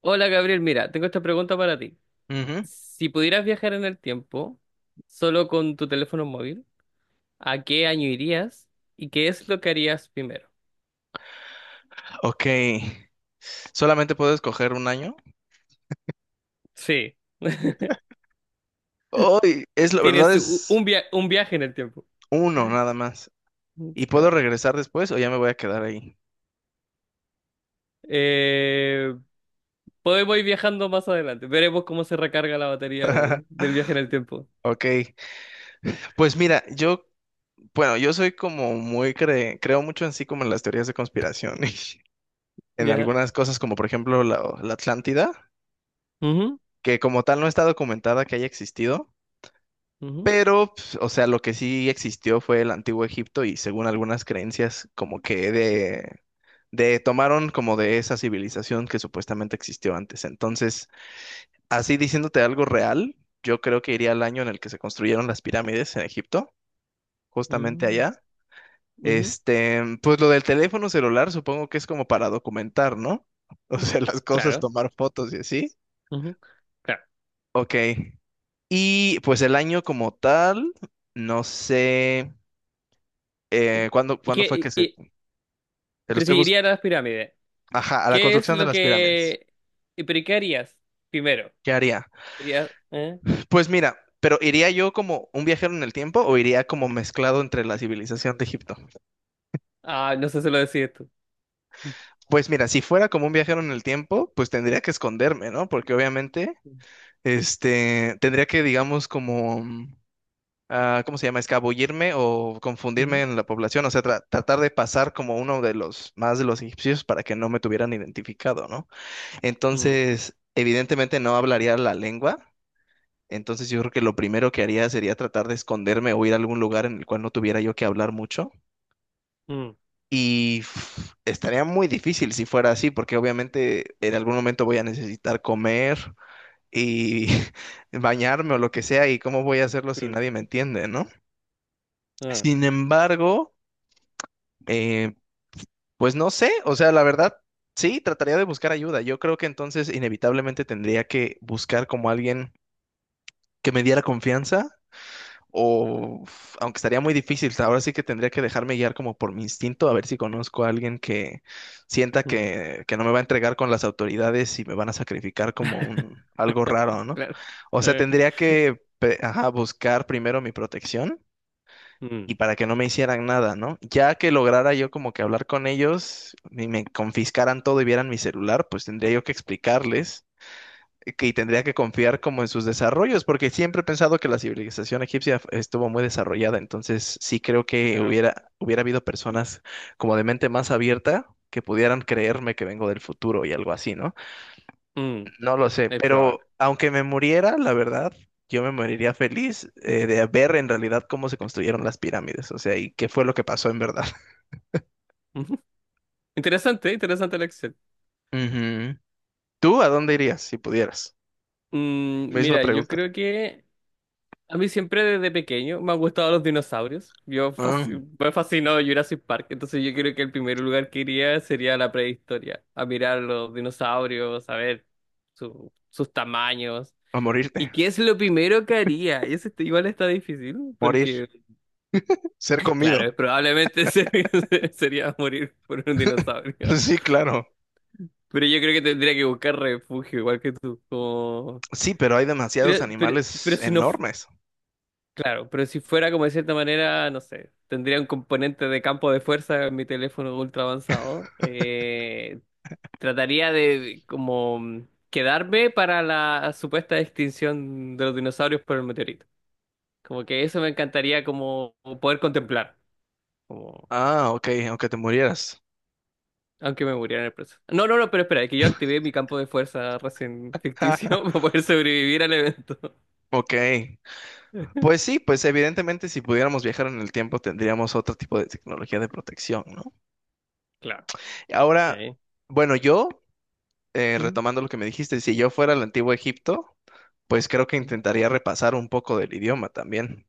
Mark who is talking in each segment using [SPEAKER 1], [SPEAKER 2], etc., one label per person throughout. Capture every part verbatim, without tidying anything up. [SPEAKER 1] Hola Gabriel, mira, tengo esta pregunta para ti.
[SPEAKER 2] Ujú.
[SPEAKER 1] Si pudieras viajar en el tiempo solo con tu teléfono móvil, ¿a qué año irías y qué es lo que harías primero?
[SPEAKER 2] Ok. Solamente puedo escoger un año.
[SPEAKER 1] Sí,
[SPEAKER 2] Hoy es la verdad
[SPEAKER 1] tienes u-
[SPEAKER 2] es
[SPEAKER 1] un, via- un viaje en el tiempo.
[SPEAKER 2] uno nada más.
[SPEAKER 1] Mm,
[SPEAKER 2] ¿Y puedo
[SPEAKER 1] Claro.
[SPEAKER 2] regresar después o ya me voy a quedar ahí?
[SPEAKER 1] Eh, Podemos ir viajando más adelante. Veremos cómo se recarga la batería de- del viaje en el tiempo.
[SPEAKER 2] Ok. Pues mira, yo, bueno, yo soy como muy cre- creo mucho en sí como en las teorías de conspiración y en
[SPEAKER 1] Ya.
[SPEAKER 2] algunas cosas como por ejemplo la, la Atlántida,
[SPEAKER 1] Ujú,
[SPEAKER 2] que como tal no está documentada que haya existido,
[SPEAKER 1] ujú,
[SPEAKER 2] pero pues, o sea, lo que sí existió fue el antiguo Egipto y según algunas creencias como que de de tomaron como de esa civilización que supuestamente existió antes. Entonces, así diciéndote algo real, yo creo que iría al año en el que se construyeron las pirámides en Egipto, justamente
[SPEAKER 1] mm,
[SPEAKER 2] allá.
[SPEAKER 1] ujú.
[SPEAKER 2] Este, pues lo del teléfono celular supongo que es como para documentar, ¿no? O sea, las cosas,
[SPEAKER 1] Claro.
[SPEAKER 2] tomar fotos y así.
[SPEAKER 1] Ujú, claro.
[SPEAKER 2] Ok. Y pues el año como tal, no sé
[SPEAKER 1] ¿Y,
[SPEAKER 2] eh, cuándo,
[SPEAKER 1] y
[SPEAKER 2] cuándo
[SPEAKER 1] qué-
[SPEAKER 2] fue que
[SPEAKER 1] y-
[SPEAKER 2] se...
[SPEAKER 1] y-
[SPEAKER 2] Lo
[SPEAKER 1] pero
[SPEAKER 2] estoy buscando.
[SPEAKER 1] seguiría las pirámides?
[SPEAKER 2] Ajá, a la
[SPEAKER 1] ¿Qué es
[SPEAKER 2] construcción de
[SPEAKER 1] lo
[SPEAKER 2] las pirámides.
[SPEAKER 1] que... y ¿Pero y qué harías primero?
[SPEAKER 2] ¿Qué haría?
[SPEAKER 1] ¿Querías... ¿Eh?
[SPEAKER 2] Pues mira, pero ¿iría yo como un viajero en el tiempo o iría como mezclado entre la civilización de Egipto?
[SPEAKER 1] Ah, no sé si lo decís tú.
[SPEAKER 2] Pues mira, si fuera como un viajero en el tiempo, pues tendría que esconderme, ¿no? Porque obviamente, este, tendría que, digamos, como, mm, ah, ¿cómo se llama? Escabullirme o confundirme
[SPEAKER 1] Mm,
[SPEAKER 2] en la población, o sea, tra- tratar de pasar como uno de los más de los egipcios para que no me tuvieran identificado, ¿no?
[SPEAKER 1] mm,
[SPEAKER 2] Entonces, evidentemente no hablaría la lengua. Entonces yo creo que lo primero que haría sería tratar de esconderme o ir a algún lugar en el cual no tuviera yo que hablar mucho.
[SPEAKER 1] mm,
[SPEAKER 2] Y uf, estaría muy difícil si fuera así, porque obviamente en algún momento voy a necesitar comer y bañarme o lo que sea, y cómo voy a hacerlo si nadie
[SPEAKER 1] mm,
[SPEAKER 2] me entiende, ¿no?
[SPEAKER 1] ah,
[SPEAKER 2] Sin embargo, eh, pues no sé, o sea, la verdad, sí, trataría de buscar ayuda. Yo creo que entonces inevitablemente tendría que buscar como alguien que me diera confianza. O, uf, aunque estaría muy difícil, ahora sí que tendría que dejarme guiar como por mi instinto, a ver si conozco a alguien que sienta
[SPEAKER 1] mm.
[SPEAKER 2] que, que no me va a entregar con las autoridades y me van a sacrificar como un algo raro, ¿no?
[SPEAKER 1] Claro.
[SPEAKER 2] O sea,
[SPEAKER 1] Eh,
[SPEAKER 2] tendría que pe- ajá, buscar primero mi protección
[SPEAKER 1] mm,
[SPEAKER 2] y para que no me hicieran nada, ¿no? Ya que lograra yo como que hablar con ellos y me confiscaran todo y vieran mi celular, pues tendría yo que explicarles que y tendría que confiar como en sus desarrollos, porque siempre he pensado que la civilización egipcia estuvo muy desarrollada, entonces sí creo que
[SPEAKER 1] claro.
[SPEAKER 2] hubiera, hubiera habido personas como de mente más abierta que pudieran creerme que vengo del futuro y algo así, ¿no?
[SPEAKER 1] Mm,
[SPEAKER 2] No lo sé,
[SPEAKER 1] es probable.
[SPEAKER 2] pero aunque me muriera, la verdad, yo me moriría feliz eh, de ver en realidad cómo se construyeron las pirámides, o sea, y qué fue lo que pasó en verdad.
[SPEAKER 1] Ujú. Interesante, interesante la acción.
[SPEAKER 2] Ujú. ¿Tú a dónde irías si pudieras?
[SPEAKER 1] Mm,
[SPEAKER 2] Misma
[SPEAKER 1] mira, yo
[SPEAKER 2] pregunta.
[SPEAKER 1] creo que a mí siempre desde pequeño me han gustado los dinosaurios. Yo
[SPEAKER 2] Ah,
[SPEAKER 1] fasc- me fascinó Jurassic Park, entonces yo creo que el primer lugar que iría sería la prehistoria, a mirar los dinosaurios, a ver su- sus tamaños.
[SPEAKER 2] a morirte,
[SPEAKER 1] ¿Y qué es lo primero que haría? Eso está- igual está difícil,
[SPEAKER 2] morir,
[SPEAKER 1] porque
[SPEAKER 2] ser comido.
[SPEAKER 1] claro, probablemente se- sería morir por un dinosaurio.
[SPEAKER 2] Sí, claro.
[SPEAKER 1] Pero yo creo que tendría que buscar refugio, igual que tú, como...
[SPEAKER 2] Sí, pero hay demasiados
[SPEAKER 1] Pero, pero,
[SPEAKER 2] animales
[SPEAKER 1] pero si no
[SPEAKER 2] enormes.
[SPEAKER 1] claro, pero si fuera como de cierta manera, no sé, tendría un componente de campo de fuerza en mi teléfono ultra avanzado. Eh, trataría de como mm, quedarme para la supuesta extinción de los dinosaurios por el meteorito. Como que eso me encantaría como poder contemplar, como
[SPEAKER 2] Ah, ok, aunque te murieras.
[SPEAKER 1] aunque me muriera en el proceso. No, no, no, pero espera, es que yo activé mi campo de fuerza recién ficticio para poder sobrevivir al evento.
[SPEAKER 2] Ok. Pues sí, pues evidentemente si pudiéramos viajar en el tiempo tendríamos otro tipo de tecnología de protección, ¿no?
[SPEAKER 1] Claro,
[SPEAKER 2] Ahora,
[SPEAKER 1] sí.
[SPEAKER 2] bueno, yo, eh,
[SPEAKER 1] Mm,
[SPEAKER 2] retomando lo que me dijiste, si yo fuera al antiguo Egipto, pues creo que
[SPEAKER 1] mm,
[SPEAKER 2] intentaría repasar un poco del idioma también.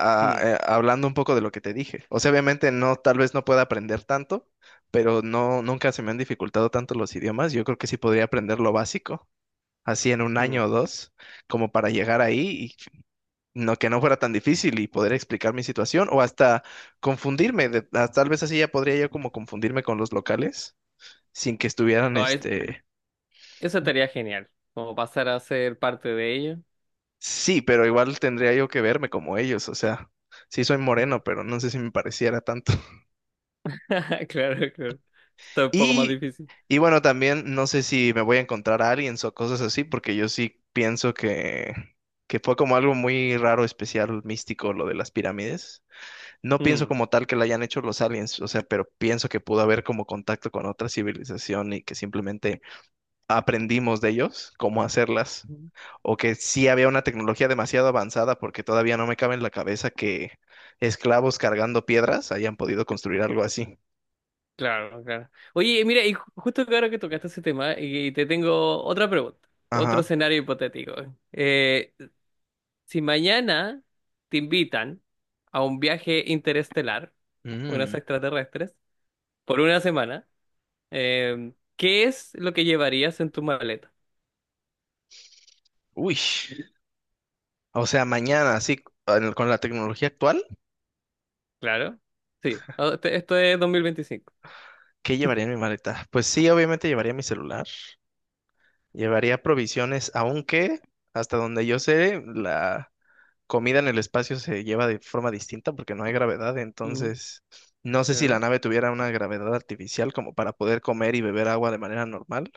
[SPEAKER 2] a-
[SPEAKER 1] mm,
[SPEAKER 2] eh, hablando un poco de lo que te dije. O sea, obviamente no, tal vez no pueda aprender tanto, pero no, nunca se me han dificultado tanto los idiomas. Yo creo que sí podría aprender lo básico, así en un año o dos, como para llegar ahí y no que no fuera tan difícil y poder explicar mi situación o hasta confundirme. de- ah, tal vez así ya podría yo como confundirme con los locales sin que estuvieran,
[SPEAKER 1] mm.
[SPEAKER 2] este,
[SPEAKER 1] Eso estaría genial, como pasar a ser parte de ello.
[SPEAKER 2] sí, pero igual tendría yo que verme como ellos. O sea, sí soy
[SPEAKER 1] Mm.
[SPEAKER 2] moreno, pero no sé si me pareciera tanto.
[SPEAKER 1] Claro, claro. Está un poco más
[SPEAKER 2] Y,
[SPEAKER 1] difícil.
[SPEAKER 2] y bueno, también no sé si me voy a encontrar a alguien o cosas así, porque yo sí pienso que, que fue como algo muy raro, especial, místico lo de las pirámides. No pienso
[SPEAKER 1] Mm.
[SPEAKER 2] como tal que la hayan hecho los aliens, o sea, pero pienso que pudo haber como contacto con otra civilización y que simplemente aprendimos de ellos cómo hacerlas. O que sí había una tecnología demasiado avanzada, porque todavía no me cabe en la cabeza que esclavos cargando piedras hayan podido construir algo así.
[SPEAKER 1] Claro, claro. Oye, mira, y ju- justo que ahora que tocaste ese tema, y te tengo otra pregunta, otro
[SPEAKER 2] Ajá.
[SPEAKER 1] escenario hipotético. Eh, si mañana te invitan a un viaje interestelar, unos
[SPEAKER 2] Mm.
[SPEAKER 1] extraterrestres, por una semana, eh, ¿qué es lo que llevarías en tu maleta?
[SPEAKER 2] Uy. O sea, mañana, así, al- con la tecnología actual,
[SPEAKER 1] Claro, sí. Ah, este- Esto es dos mil veinticinco.
[SPEAKER 2] ¿qué llevaría en mi maleta? Pues sí, obviamente llevaría mi celular, llevaría provisiones, aunque hasta donde yo sé, la comida en el espacio se lleva de forma distinta porque no hay gravedad,
[SPEAKER 1] Ujú,
[SPEAKER 2] entonces no sé si la
[SPEAKER 1] claro.
[SPEAKER 2] nave tuviera una gravedad artificial como para poder comer y beber agua de manera normal,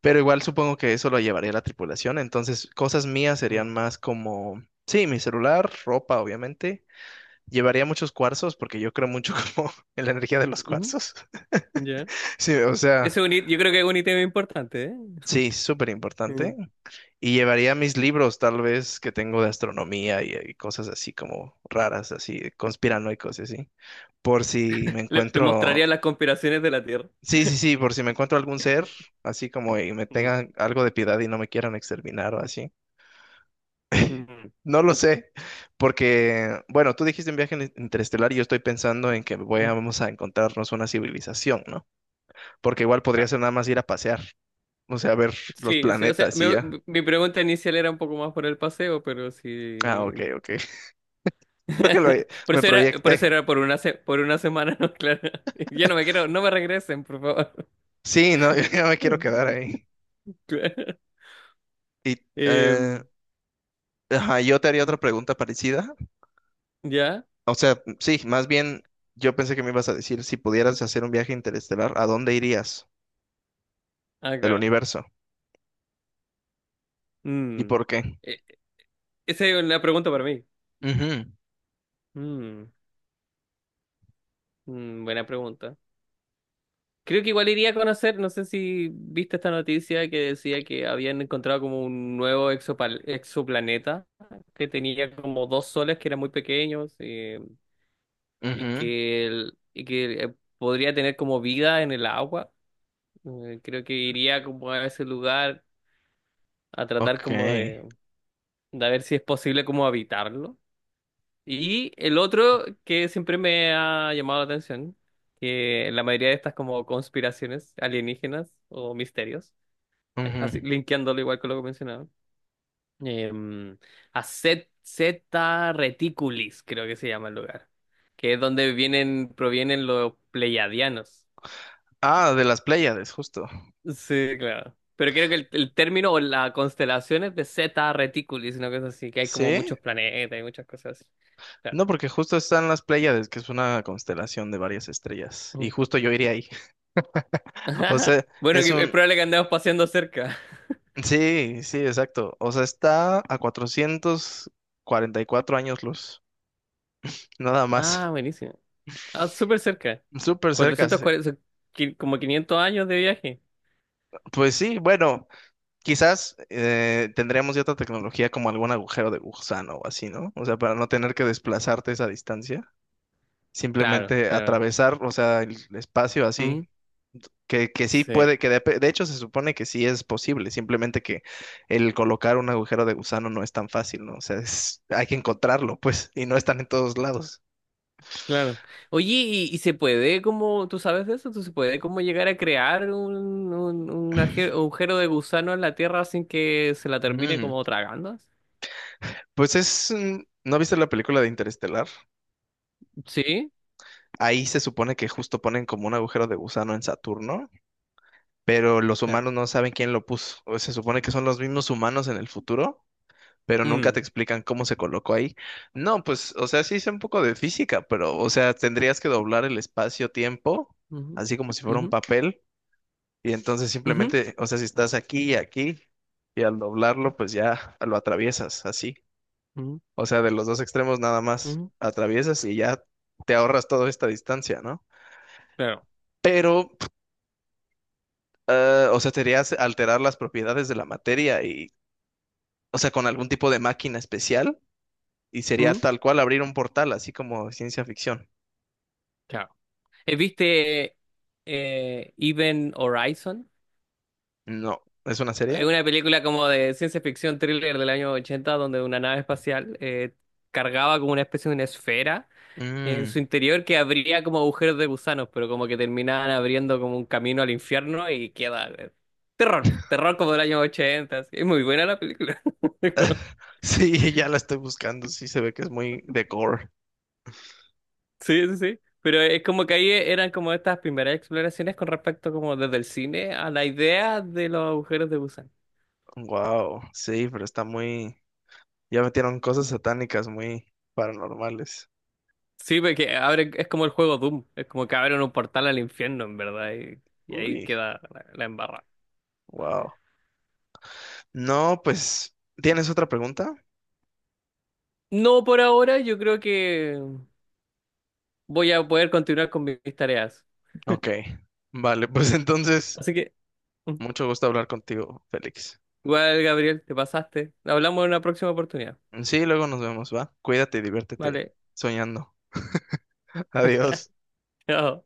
[SPEAKER 2] pero igual supongo que eso lo llevaría la tripulación, entonces cosas mías
[SPEAKER 1] Mm.
[SPEAKER 2] serían más como, sí, mi celular, ropa, obviamente. Llevaría muchos cuarzos porque yo creo mucho como en la energía de los
[SPEAKER 1] Ujú,
[SPEAKER 2] cuarzos.
[SPEAKER 1] ya.
[SPEAKER 2] Sí, o sea,
[SPEAKER 1] Ese es un hit- Yo creo que es un ítem importante, ¿eh?
[SPEAKER 2] sí, súper
[SPEAKER 1] Mm.
[SPEAKER 2] importante. Y llevaría mis libros tal vez que tengo de astronomía y, y cosas así como raras, así conspiranoicos y así. Por si me
[SPEAKER 1] Le, le
[SPEAKER 2] encuentro,
[SPEAKER 1] mostraría las conspiraciones de la Tierra.
[SPEAKER 2] sí, sí, sí, por si me encuentro algún ser, así como y me
[SPEAKER 1] Mm,
[SPEAKER 2] tengan algo de piedad y no me quieran exterminar o así.
[SPEAKER 1] mm,
[SPEAKER 2] No lo sé, porque, bueno, tú dijiste un viaje in- interestelar y yo estoy pensando en que voy a-
[SPEAKER 1] mm.
[SPEAKER 2] vamos a encontrarnos una civilización, ¿no? Porque igual podría
[SPEAKER 1] Ah,
[SPEAKER 2] ser nada más ir a pasear, o sea, ver los
[SPEAKER 1] sí, sí, o sea,
[SPEAKER 2] planetas y
[SPEAKER 1] me-
[SPEAKER 2] ya.
[SPEAKER 1] mi pregunta inicial era un poco más por el paseo, pero
[SPEAKER 2] Ah, ok,
[SPEAKER 1] sí.
[SPEAKER 2] ok. Creo que lo,
[SPEAKER 1] Por
[SPEAKER 2] me
[SPEAKER 1] eso era, por eso
[SPEAKER 2] proyecté.
[SPEAKER 1] era por una se- por una semana, ¿no? Claro. Yo no me quiero, no me regresen, por favor.
[SPEAKER 2] Sí, no, yo ya me quiero quedar ahí.
[SPEAKER 1] Claro.
[SPEAKER 2] Y eh,
[SPEAKER 1] Em,
[SPEAKER 2] ajá, yo te haría otra pregunta parecida.
[SPEAKER 1] ¿ya?
[SPEAKER 2] O sea, sí, más bien yo pensé que me ibas a decir si pudieras hacer un viaje interestelar, ¿a dónde irías
[SPEAKER 1] Ah,
[SPEAKER 2] del
[SPEAKER 1] claro.
[SPEAKER 2] universo? ¿Y
[SPEAKER 1] Mm.
[SPEAKER 2] por qué?
[SPEAKER 1] E- Esa es una pregunta para mí.
[SPEAKER 2] Ujú,
[SPEAKER 1] Mm, mm, buena pregunta. Creo que igual iría a conocer, no sé si viste esta noticia que decía que habían encontrado como un nuevo exopal- exoplaneta que tenía como dos soles que eran muy pequeños, eh, y
[SPEAKER 2] ujú,
[SPEAKER 1] que, el- y que eh, podría tener como vida en el agua. Eh, creo que iría como a ese lugar a tratar
[SPEAKER 2] ok.
[SPEAKER 1] como de, de ver si es posible como habitarlo. Y el otro que siempre me ha llamado la atención, que la mayoría de estas como conspiraciones alienígenas o misterios, eh, así,
[SPEAKER 2] Ujú.
[SPEAKER 1] linkeándolo igual con lo que mencionaba. Em, a Z, Zeta Reticulis, creo que se llama el lugar, que es donde vienen, provienen los pleiadianos.
[SPEAKER 2] Ah, de las Pléyades, justo.
[SPEAKER 1] Sí, claro. Pero creo que el, el término o la constelación es de Zeta Reticulis, una cosa así, que hay como
[SPEAKER 2] ¿Sí?
[SPEAKER 1] muchos planetas y muchas cosas así. Claro.
[SPEAKER 2] No, porque justo están las Pléyades, que es una constelación de varias estrellas, y
[SPEAKER 1] Mm.
[SPEAKER 2] justo yo iría ahí. O sea,
[SPEAKER 1] Bueno,
[SPEAKER 2] es
[SPEAKER 1] que- es
[SPEAKER 2] un...
[SPEAKER 1] probable que andemos paseando cerca.
[SPEAKER 2] Sí, sí, exacto. O sea, está a cuatrocientos cuarenta y cuatro años luz, nada
[SPEAKER 1] Ah,
[SPEAKER 2] más.
[SPEAKER 1] buenísimo. Ah, súper cerca.
[SPEAKER 2] Súper cerca. Sí.
[SPEAKER 1] cuatrocientos cuarenta, qui- como quinientos años de viaje.
[SPEAKER 2] Pues sí, bueno, quizás eh, tendríamos ya otra tecnología como algún agujero de gusano o así, ¿no? O sea, para no tener que desplazarte esa distancia,
[SPEAKER 1] Claro,
[SPEAKER 2] simplemente
[SPEAKER 1] claro.
[SPEAKER 2] atravesar, o sea, el espacio
[SPEAKER 1] Mm.
[SPEAKER 2] así. Que, que sí
[SPEAKER 1] Sí,
[SPEAKER 2] puede, que de, de hecho se supone que sí es posible, simplemente que el colocar un agujero de gusano no es tan fácil, ¿no? O sea, es- hay que encontrarlo, pues, y no están en todos lados.
[SPEAKER 1] claro. Oye, ¿y, y se puede como, tú sabes de eso? ¿Tú se puede como llegar a crear un, un, un aje- agujero de gusano en la Tierra sin que se la termine
[SPEAKER 2] Mm,
[SPEAKER 1] como tragando?
[SPEAKER 2] pues es, mm, ¿no viste la película de Interestelar?
[SPEAKER 1] Sí,
[SPEAKER 2] Ahí se supone que justo ponen como un agujero de gusano en Saturno, pero los
[SPEAKER 1] claro.
[SPEAKER 2] humanos no saben quién lo puso. O se supone que son los mismos humanos en el futuro, pero nunca
[SPEAKER 1] Mm.
[SPEAKER 2] te explican cómo se colocó ahí. No, pues, o sea, sí sé un poco de física, pero, o sea, tendrías que doblar el espacio-tiempo,
[SPEAKER 1] Ujú,
[SPEAKER 2] así como si fuera un
[SPEAKER 1] ujú,
[SPEAKER 2] papel, y entonces
[SPEAKER 1] ujú,
[SPEAKER 2] simplemente, o sea, si estás aquí y aquí, y al doblarlo, pues ya lo atraviesas, así.
[SPEAKER 1] ujú,
[SPEAKER 2] O sea, de los dos extremos nada más
[SPEAKER 1] ujú,
[SPEAKER 2] atraviesas y ya te ahorras toda esta distancia, ¿no?
[SPEAKER 1] claro.
[SPEAKER 2] Pero, eh, o sea, te alterar las propiedades de la materia y, o sea, con algún tipo de máquina especial y sería
[SPEAKER 1] Mm,
[SPEAKER 2] tal cual abrir un portal, así como ciencia ficción.
[SPEAKER 1] claro. Eh, ¿viste eh, Event Horizon?
[SPEAKER 2] No, ¿es una
[SPEAKER 1] Es
[SPEAKER 2] serie?
[SPEAKER 1] una película como de ciencia ficción thriller del año ochenta donde una nave espacial eh, cargaba como una especie de una esfera en
[SPEAKER 2] Mm.
[SPEAKER 1] su interior que abría como agujeros de gusanos, pero como que terminaban abriendo como un camino al infierno y queda eh, terror, terror como del año ochenta así. Es muy buena la película.
[SPEAKER 2] Sí, ya la estoy buscando, sí se ve que es muy de gore.
[SPEAKER 1] Sí, sí, sí. Pero es como que ahí eran como estas primeras exploraciones con respecto como desde el cine a la idea de los agujeros de gusano.
[SPEAKER 2] Wow, sí, pero está muy... Ya metieron cosas satánicas muy paranormales.
[SPEAKER 1] Sí, porque abre, es como el juego Doom, es como que abren un portal al infierno, en verdad, y, y ahí
[SPEAKER 2] Uy,
[SPEAKER 1] queda la, la embarrada.
[SPEAKER 2] wow. No, pues, ¿tienes otra pregunta?
[SPEAKER 1] No por ahora, yo creo que voy a poder continuar con mis tareas.
[SPEAKER 2] Ok, vale, pues entonces,
[SPEAKER 1] Así que
[SPEAKER 2] mucho gusto hablar contigo, Félix.
[SPEAKER 1] igual, Gabriel, te pasaste. Hablamos en una próxima oportunidad.
[SPEAKER 2] Sí, luego nos vemos, ¿va? Cuídate y diviértete
[SPEAKER 1] Vale.
[SPEAKER 2] soñando. Adiós.
[SPEAKER 1] Chao.